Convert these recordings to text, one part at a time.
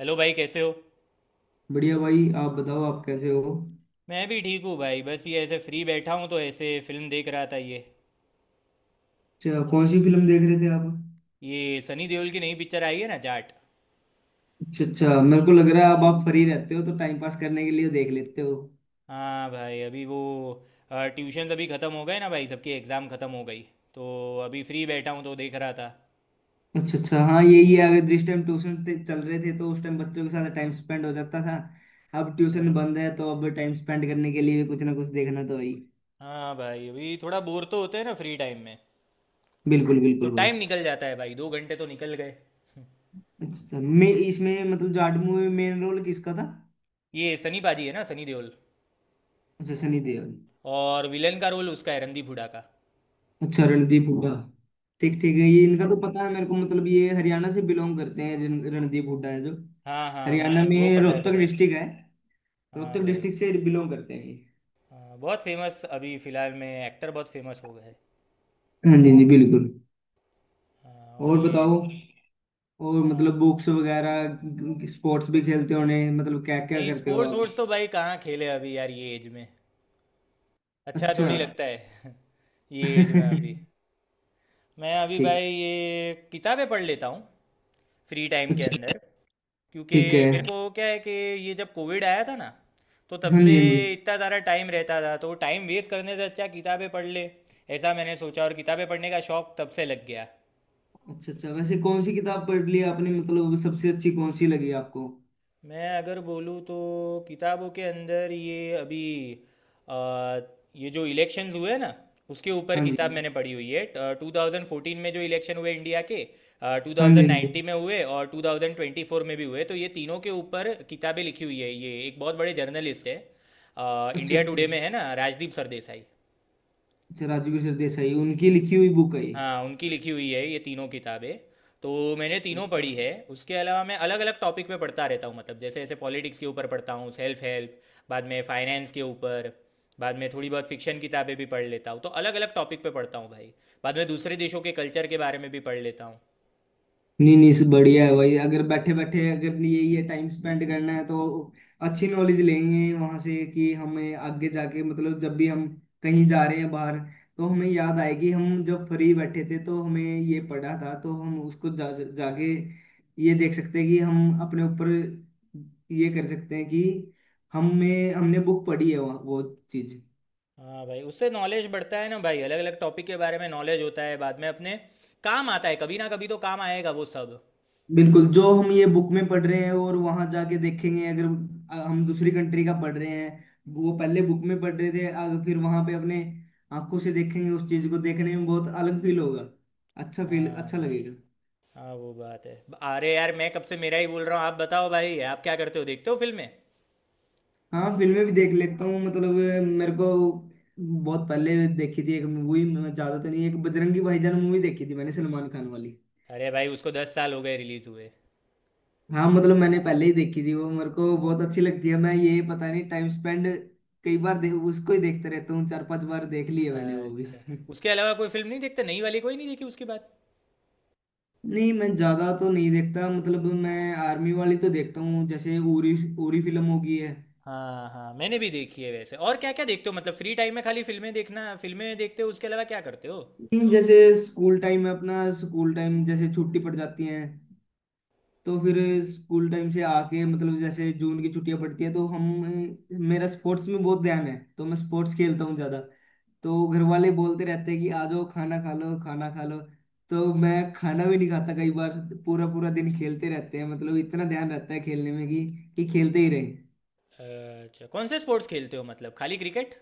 Hello भाई, कैसे हो। बढ़िया भाई। आप बताओ, आप कैसे हो? मैं भी ठीक हूँ भाई, बस ये ऐसे फ्री बैठा हूँ तो ऐसे फिल्म देख रहा था ये। अच्छा, कौन सी फिल्म देख रहे थे आप? ये सनी देओल की नई पिक्चर आई है ना, जाट। अच्छा अच्छा, मेरे को लग रहा है अब आप फ्री रहते हो तो टाइम पास करने के लिए देख लेते हो। हाँ भाई, अभी वो ट्यूशन अभी ख़त्म हो गए ना भाई, सबकी एग्ज़ाम ख़त्म हो गई। तो अभी फ्री बैठा हूँ तो देख रहा था। अच्छा अच्छा, हाँ यही है। अगर जिस टाइम ट्यूशन ते चल रहे थे तो उस टाइम बच्चों के साथ टाइम स्पेंड हो जाता था। अब ट्यूशन बंद है तो अब टाइम स्पेंड करने के लिए कुछ ना कुछ देखना तो है ही। हाँ भाई, अभी थोड़ा बोर तो होते हैं ना फ्री टाइम में। बिल्कुल तो बिल्कुल भाई। टाइम निकल जाता है भाई, 2 घंटे तो निकल गए। अच्छा अच्छा, मैं इसमें मतलब जाट मूवी में मेन रोल किसका था? ये सनी पाजी है ना, सनी देओल। अच्छा, सनी देओल। और विलन का रोल उसका है, रणदीप हुडा का। अच्छा, रणदीप हुड्डा। ठीक ठीक है, ये इनका तो पता है मेरे को। मतलब ये हरियाणा से बिलोंग करते हैं, रणदीप हुड्डा है जो। हाँ हाँ, हरियाणा मैं वो में पता है रोहतक पता है। डिस्ट्रिक्ट है। हाँ रोहतक भाई। डिस्ट्रिक्ट से बिलोंग करते हैं ये। हाँ, बहुत फेमस अभी फ़िलहाल में एक्टर बहुत फेमस हो गए हैं। हाँ जी जी, बिल्कुल। हाँ, और और ये। बताओ। और मतलब हाँ। बुक्स वगैरह, स्पोर्ट्स भी खेलते होने, मतलब क्या क्या नहीं करते हो स्पोर्ट्स आप? वोर्ट्स तो भाई कहाँ खेले अभी यार, ये एज में अच्छा अच्छा। थोड़ी लगता है। ये एज में अभी। मैं अभी ठीक। भाई ये किताबें पढ़ लेता हूँ फ्री टाइम के अच्छा। अंदर। क्योंकि ठीक मेरे है। को क्या है कि ये जब कोविड आया था ना, तो तब हाँ से जी हाँ जी। इतना ज़्यादा टाइम रहता था तो टाइम वेस्ट करने से अच्छा किताबें पढ़ ले, ऐसा मैंने सोचा और किताबें पढ़ने का शौक तब से लग गया। अच्छा अच्छा, वैसे कौन सी किताब पढ़ ली आपने, मतलब सबसे अच्छी कौन सी लगी आपको? मैं अगर बोलूँ तो किताबों के अंदर ये अभी, अ, ये जो इलेक्शंस हुए ना, उसके ऊपर हाँ किताब जी मैंने पढ़ी हुई है। 2014 में जो इलेक्शन हुए इंडिया के, टू हाँ जी। थाउजेंड हाँ जी। नाइन्टी में हुए और 2024 में भी हुए, तो ये तीनों के ऊपर किताबें लिखी हुई है। ये एक बहुत बड़े जर्नलिस्ट है, अच्छा अच्छा। इंडिया टुडे में है ना, राजदीप सरदेसाई। अच्छा, राजवीर सरदेसाई, उनकी लिखी हुई बुक है ये? हाँ उनकी लिखी हुई है ये तीनों किताबें। तो मैंने तीनों पढ़ी है। उसके अलावा मैं अलग अलग टॉपिक पे पढ़ता रहता हूँ, मतलब जैसे ऐसे पॉलिटिक्स के ऊपर पढ़ता हूँ, सेल्फ हेल्प, बाद में फाइनेंस के ऊपर, बाद में थोड़ी बहुत फिक्शन किताबें भी पढ़ लेता हूँ, तो अलग अलग टॉपिक पे पढ़ता हूँ भाई। बाद में दूसरे देशों के कल्चर के बारे में भी पढ़ लेता हूँ। नहीं नहीं, बढ़िया है भाई। अगर बैठे बैठे अगर ये ये टाइम स्पेंड करना है तो अच्छी नॉलेज लेंगे वहां से, कि हमें आगे जाके, मतलब जब भी हम कहीं जा रहे हैं बाहर, तो हमें याद आएगी, हम जब फ्री बैठे थे तो हमें ये पढ़ा था, तो हम उसको जाके ये देख सकते हैं कि हम अपने ऊपर ये कर सकते हैं, कि हमें, हमने बुक पढ़ी है वो चीज। हाँ भाई, उससे नॉलेज बढ़ता है ना भाई, अलग अलग टॉपिक के बारे में नॉलेज होता है, बाद में अपने काम आता है, कभी ना कभी तो काम आएगा वो सब। बिल्कुल, जो हम ये बुक में पढ़ रहे हैं और वहां जाके देखेंगे, अगर हम दूसरी कंट्री का पढ़ रहे हैं, वो पहले बुक में पढ़ रहे थे, अगर फिर वहां पे अपने आंखों से देखेंगे, उस चीज को देखने में बहुत अलग फील होगा। अच्छा फील हाँ अच्छा भाई। लगेगा। हाँ, वो बात है। अरे यार, मैं कब से मेरा ही बोल रहा हूँ, आप बताओ भाई, आप क्या करते हो, देखते हो फिल्में। हाँ, फिल्में भी देख लेता हूँ, मतलब मेरे को बहुत पहले देखी थी एक मूवी। ज्यादा तो नहीं, एक बजरंगी भाईजान मूवी देखी थी मैंने, सलमान खान वाली। अरे भाई, उसको 10 साल हो गए रिलीज़ हुए। हाँ, मतलब मैंने पहले ही देखी थी वो, मेरे को बहुत अच्छी लगती है। मैं ये पता नहीं, टाइम स्पेंड कई बार उसको ही देखते रहता हूँ। चार पांच बार देख लिए मैंने वो भी। अच्छा, उसके अलावा कोई फिल्म नहीं देखते, नई वाली कोई नहीं देखी उसके बाद। नहीं, मैं ज्यादा तो नहीं देखता, मतलब मैं आर्मी वाली तो देखता हूँ, जैसे उरी। उरी फिल्म होगी है। हाँ हाँ, मैंने भी देखी है वैसे। और क्या क्या देखते हो मतलब फ्री टाइम में, खाली फिल्में देखना, फिल्में देखते हो उसके अलावा क्या करते हो। नहीं, जैसे स्कूल टाइम में अपना स्कूल टाइम जैसे छुट्टी पड़ जाती है तो फिर स्कूल टाइम से आके मतलब जैसे जून की छुट्टियां पड़ती है तो हम, मेरा स्पोर्ट्स में बहुत ध्यान है तो मैं स्पोर्ट्स खेलता हूँ ज्यादा। तो घर वाले बोलते रहते हैं कि आ जाओ खाना खा लो, खाना खा लो, तो मैं खाना भी नहीं खाता कई बार। पूरा पूरा दिन खेलते रहते हैं, मतलब इतना ध्यान रहता है खेलने में कि खेलते ही रहे। अच्छा कौन से स्पोर्ट्स खेलते हो, मतलब खाली क्रिकेट।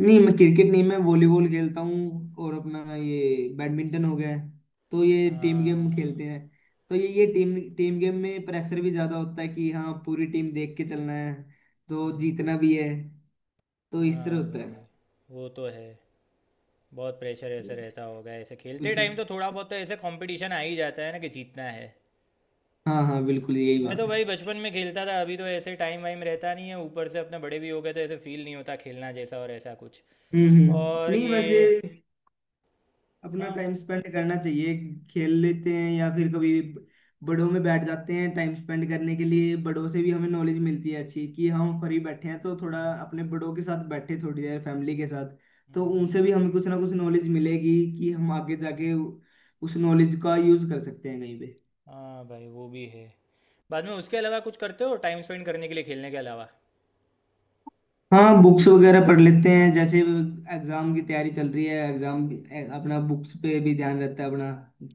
नहीं, मैं क्रिकेट नहीं, मैं वॉलीबॉल खेलता हूँ और अपना ये बैडमिंटन हो गया है। तो ये टीम गेम हाँ। खेलते हैं। तो ये टीम टीम गेम में प्रेशर भी ज्यादा होता है, कि हाँ पूरी टीम देख के चलना है, तो हम्म, जीतना भी है। तो इस तरह हाँ होता भाई, है। वो तो है। बहुत प्रेशर ऐसे रहता होगा ऐसे खेलते बिल्कुल। टाइम, तो थोड़ा बहुत तो ऐसे कंपटीशन आ ही जाता है ना कि जीतना है। हाँ हाँ, बिल्कुल यही मैं बात तो है। भाई बचपन में खेलता था, अभी तो ऐसे टाइम वाइम रहता नहीं है, ऊपर से अपने बड़े भी हो गए तो ऐसे फील नहीं होता खेलना जैसा और ऐसा कुछ। और नहीं, ये। वैसे अपना हाँ। टाइम स्पेंड करना चाहिए। खेल लेते हैं या फिर कभी बड़ों में बैठ जाते हैं टाइम स्पेंड करने के लिए। बड़ों से भी हमें नॉलेज मिलती है अच्छी, कि हम फ्री बैठे हैं तो थोड़ा अपने बड़ों के साथ बैठे, थोड़ी देर फैमिली के साथ। तो हम्म, उनसे भी हमें कुछ ना कुछ नॉलेज मिलेगी कि हम आगे जाके उस नॉलेज का यूज कर सकते हैं कहीं पे। हाँ भाई, वो भी है। बाद में उसके अलावा कुछ करते हो टाइम स्पेंड करने के लिए खेलने के अलावा। हाँ, बुक्स वगैरह पढ़ लेते हैं। जैसे एग्जाम की तैयारी चल रही है, एग्जाम, अपना बुक्स पे भी ध्यान रहता है अपना।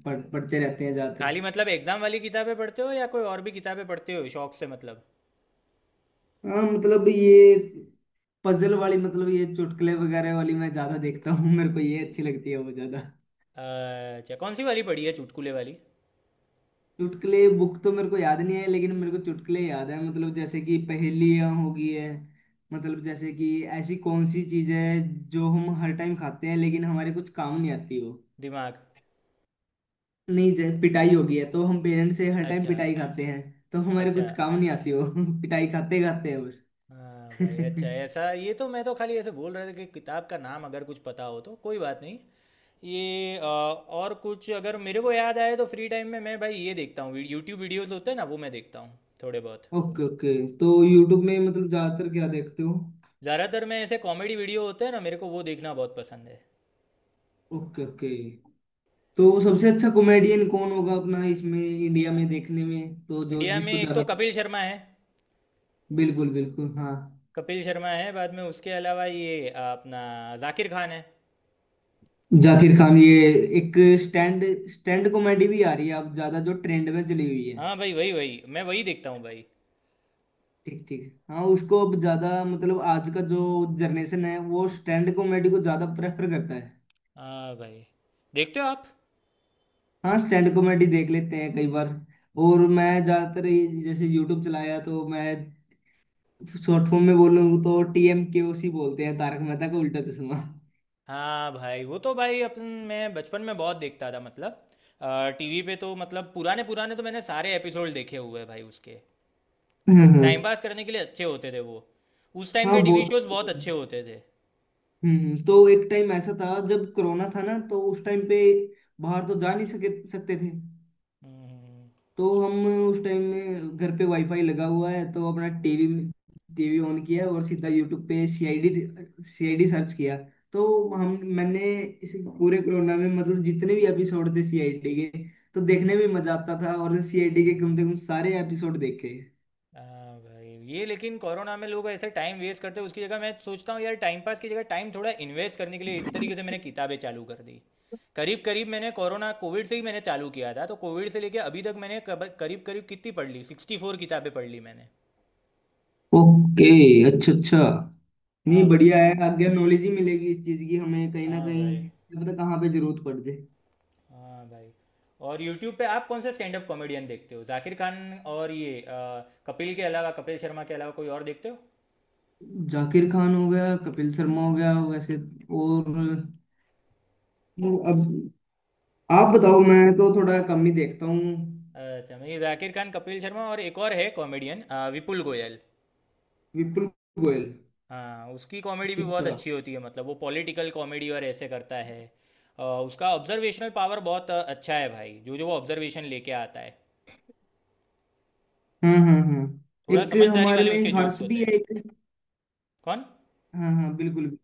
पढ़ते रहते हैं ज्यादातर। खाली मतलब एग्जाम वाली किताबें पढ़ते हो या कोई और भी किताबें पढ़ते हो शौक से मतलब। हाँ, मतलब ये पजल वाली, मतलब ये चुटकुले वगैरह वाली मैं ज्यादा देखता हूँ। मेरे को ये अच्छी लगती है, वो ज्यादा। अच्छा कौन सी वाली पढ़ी है चुटकुले वाली। चुटकुले बुक तो मेरे को याद नहीं है, लेकिन मेरे को चुटकुले याद है। मतलब जैसे कि पहेलियाँ हो गई है, मतलब जैसे कि ऐसी कौन सी चीज है जो हम हर टाइम खाते हैं लेकिन हमारे कुछ काम नहीं आती वो। दिमाग। नहीं, जैसे पिटाई हो गई है, तो हम पेरेंट्स से हर टाइम अच्छा। पिटाई खाते हैं, तो हमारे अच्छा। कुछ काम नहीं आती वो। पिटाई खाते खाते हैं बस। हाँ भाई, अच्छा ऐसा, ये तो मैं तो खाली ऐसे बोल रहा था कि किताब का नाम अगर कुछ पता हो तो कोई बात नहीं। ये और कुछ अगर मेरे को याद आए तो फ्री टाइम में मैं भाई ये देखता हूँ यूट्यूब, वीडियोस होते हैं ना वो मैं देखता हूँ थोड़े बहुत। ओके ओके, तो यूट्यूब में मतलब ज्यादातर क्या देखते हो? ज़्यादातर मैं ऐसे कॉमेडी वीडियो होते हैं ना मेरे को वो देखना बहुत पसंद है। ओके ओके, तो सबसे अच्छा कॉमेडियन कौन होगा अपना इसमें, इंडिया में देखने में, तो जो इंडिया में जिसको एक तो ज्यादा। कपिल शर्मा है। बिल्कुल बिल्कुल, हाँ। कपिल शर्मा है, बाद में उसके अलावा ये अपना जाकिर खान है। जाकिर खान, ये एक स्टैंड स्टैंड कॉमेडी भी आ रही है अब ज्यादा, जो ट्रेंड में चली हुई है। हाँ भाई, वही वही मैं वही देखता हूँ भाई। ठीक ठीक। हाँ, उसको अब ज्यादा, मतलब आज का जो जनरेशन है वो स्टैंड कॉमेडी को ज्यादा प्रेफर करता है। हाँ भाई। देखते हो आप। हाँ, स्टैंड कॉमेडी देख लेते हैं कई बार। और मैं ज्यादातर जैसे यूट्यूब चलाया तो मैं शॉर्ट फॉर्म में बोलूँ तो T M K O C बोलते हैं, तारक मेहता का उल्टा चश्मा। हाँ भाई, वो तो भाई अपन, मैं बचपन में बहुत देखता था मतलब टीवी पे तो, मतलब पुराने पुराने तो मैंने सारे एपिसोड देखे हुए हैं भाई उसके, टाइम पास करने के लिए अच्छे होते थे वो। उस टाइम हाँ के टीवी बोल शोज सकते बहुत अच्छे हैं। होते थे। तो एक टाइम ऐसा था जब कोरोना था ना, तो उस टाइम पे बाहर तो जा नहीं सके सकते थे। हम्म। तो हम उस टाइम में घर पे वाईफाई लगा हुआ है, तो अपना टीवी में टीवी ऑन किया और सीधा यूट्यूब पे सीआईडी, सर्च किया। तो हम मैंने इस पूरे कोरोना में, मतलब जितने भी एपिसोड थे सीआईडी के, तो देखने में मजा आता था। और सीआईडी के कम से हम्म। कम सारे एपिसोड देखे। हाँ भाई, ये लेकिन कोरोना में लोग ऐसे टाइम वेस्ट करते हैं, उसकी जगह मैं सोचता हूँ यार टाइम पास की जगह टाइम थोड़ा इन्वेस्ट करने के लिए, इस तरीके से मैंने किताबें चालू कर दी। करीब करीब मैंने कोरोना कोविड से ही मैंने चालू किया था तो कोविड से लेके अभी तक मैंने करीब करीब कितनी पढ़ ली, 64 किताबें पढ़ ली मैंने। ओके। अच्छा अच्छा। नहीं, हाँ भाई। बढ़िया है, आगे नॉलेज ही मिलेगी इस चीज की हमें। कहीं ना हाँ भाई। कहीं क्या पता कहाँ पे जरूरत पड़ जाए। हाँ भाई, और यूट्यूब पे आप कौन से स्टैंड अप कॉमेडियन देखते हो, जाकिर खान और ये कपिल के अलावा, कपिल शर्मा के अलावा कोई और देखते हो। जाकिर खान हो गया, कपिल शर्मा हो गया, वैसे। और वो अब आप बताओ, मैं तो थोड़ा कम ही देखता हूँ। अच्छा, मैं ये जाकिर खान, कपिल शर्मा और एक और है कॉमेडियन, विपुल गोयल। विपुल गोयल। हाँ उसकी कॉमेडी भी बहुत अच्छा। अच्छी होती है, मतलब वो पॉलिटिकल कॉमेडी और ऐसे करता है। उसका ऑब्जर्वेशनल पावर बहुत अच्छा है भाई, जो जो वो ऑब्जर्वेशन लेके आता है। हाँ हाँ हाँ। थोड़ा एक समझदारी हमारे वाले में उसके जोक्स हर्ष होते भी हैं। है एक। कौन। हाँ हाँ बिल्कुल।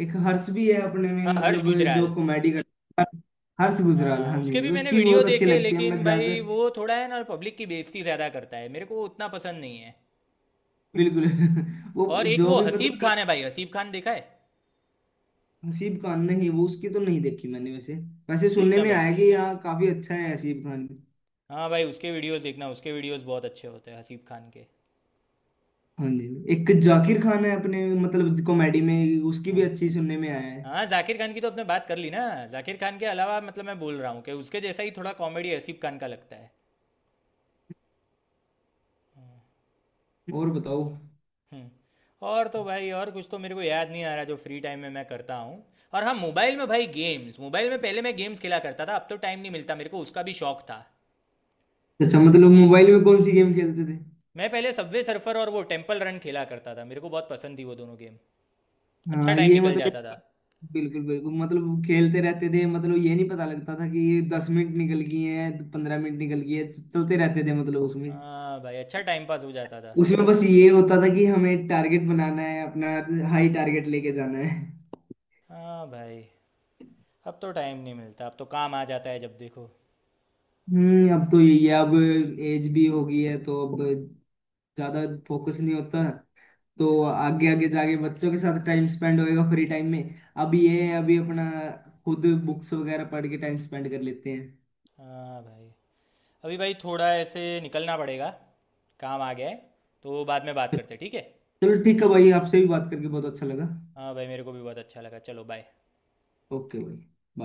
एक हर्ष भी है अपने में, हाँ, हर्ष मतलब जो गुजराल। कॉमेडी करता है। हर्ष गुजराल, हाँ हाँ जी उसके हाँ जी, भी मैंने उसकी भी वीडियो बहुत अच्छी देखे लगती है लेकिन मैं ज्यादा। भाई वो थोड़ा है ना पब्लिक की बेइज्जती ज़्यादा करता है, मेरे को वो उतना पसंद नहीं है। बिल्कुल। और वो एक जो वो भी हसीब मतलब। खान है भाई, हसीब खान देखा है। हसीब खान, नहीं, वो उसकी तो नहीं देखी मैंने। वैसे, वैसे सुनने देखना में भाई। आया कि यहाँ काफी अच्छा है हसीब खान। हाँ भाई, उसके वीडियोस देखना, उसके वीडियोस बहुत अच्छे होते हैं हसीब खान के। हाँ जी। एक जाकिर खान है अपने मतलब कॉमेडी में, उसकी भी हाँ। अच्छी सुनने में आया है। हाँ जाकिर खान की तो आपने बात कर ली ना। जाकिर खान के अलावा मतलब मैं बोल रहा हूँ कि उसके जैसा ही थोड़ा कॉमेडी हसीब खान का लगता है। और बताओ। हम्म। और तो भाई और कुछ तो मेरे को याद नहीं आ रहा जो फ्री टाइम में मैं करता हूँ। और हाँ, मोबाइल में भाई गेम्स, मोबाइल में पहले मैं गेम्स खेला करता था, अब तो टाइम नहीं मिलता, मेरे को उसका भी शौक था। अच्छा, मतलब मोबाइल में कौन सी गेम खेलते थे? मैं पहले सबवे सर्फर और वो टेम्पल रन खेला करता था, मेरे को बहुत पसंद थी वो दोनों गेम। अच्छा हाँ, टाइम ये निकल मतलब जाता था। बिल्कुल बिल्कुल, मतलब खेलते रहते थे, मतलब ये नहीं पता लगता था कि ये 10 मिनट निकल गई हैं, 15 मिनट निकल गई है, चलते रहते थे मतलब उसमें। हाँ भाई, अच्छा टाइम पास हो जाता था। उसमें बस ये होता था कि हमें टारगेट बनाना है अपना, हाई टारगेट लेके जाना है। हाँ भाई, अब तो टाइम नहीं मिलता अब तो काम आ जाता है जब देखो। अब तो यही है। अब एज भी हो गई है तो अब ज्यादा फोकस नहीं होता। तो आगे आगे जाके बच्चों के साथ टाइम स्पेंड होएगा फ्री टाइम में। अब ये है, अभी अपना खुद बुक्स वगैरह पढ़ के टाइम स्पेंड कर लेते हैं। हाँ भाई। अभी भाई थोड़ा ऐसे निकलना पड़ेगा, काम आ गया है तो बाद में बात करते हैं, ठीक है। चलो ठीक है भाई, आपसे भी बात करके बहुत अच्छा लगा। हाँ भाई, मेरे को भी बहुत अच्छा लगा, चलो बाय। ओके भाई।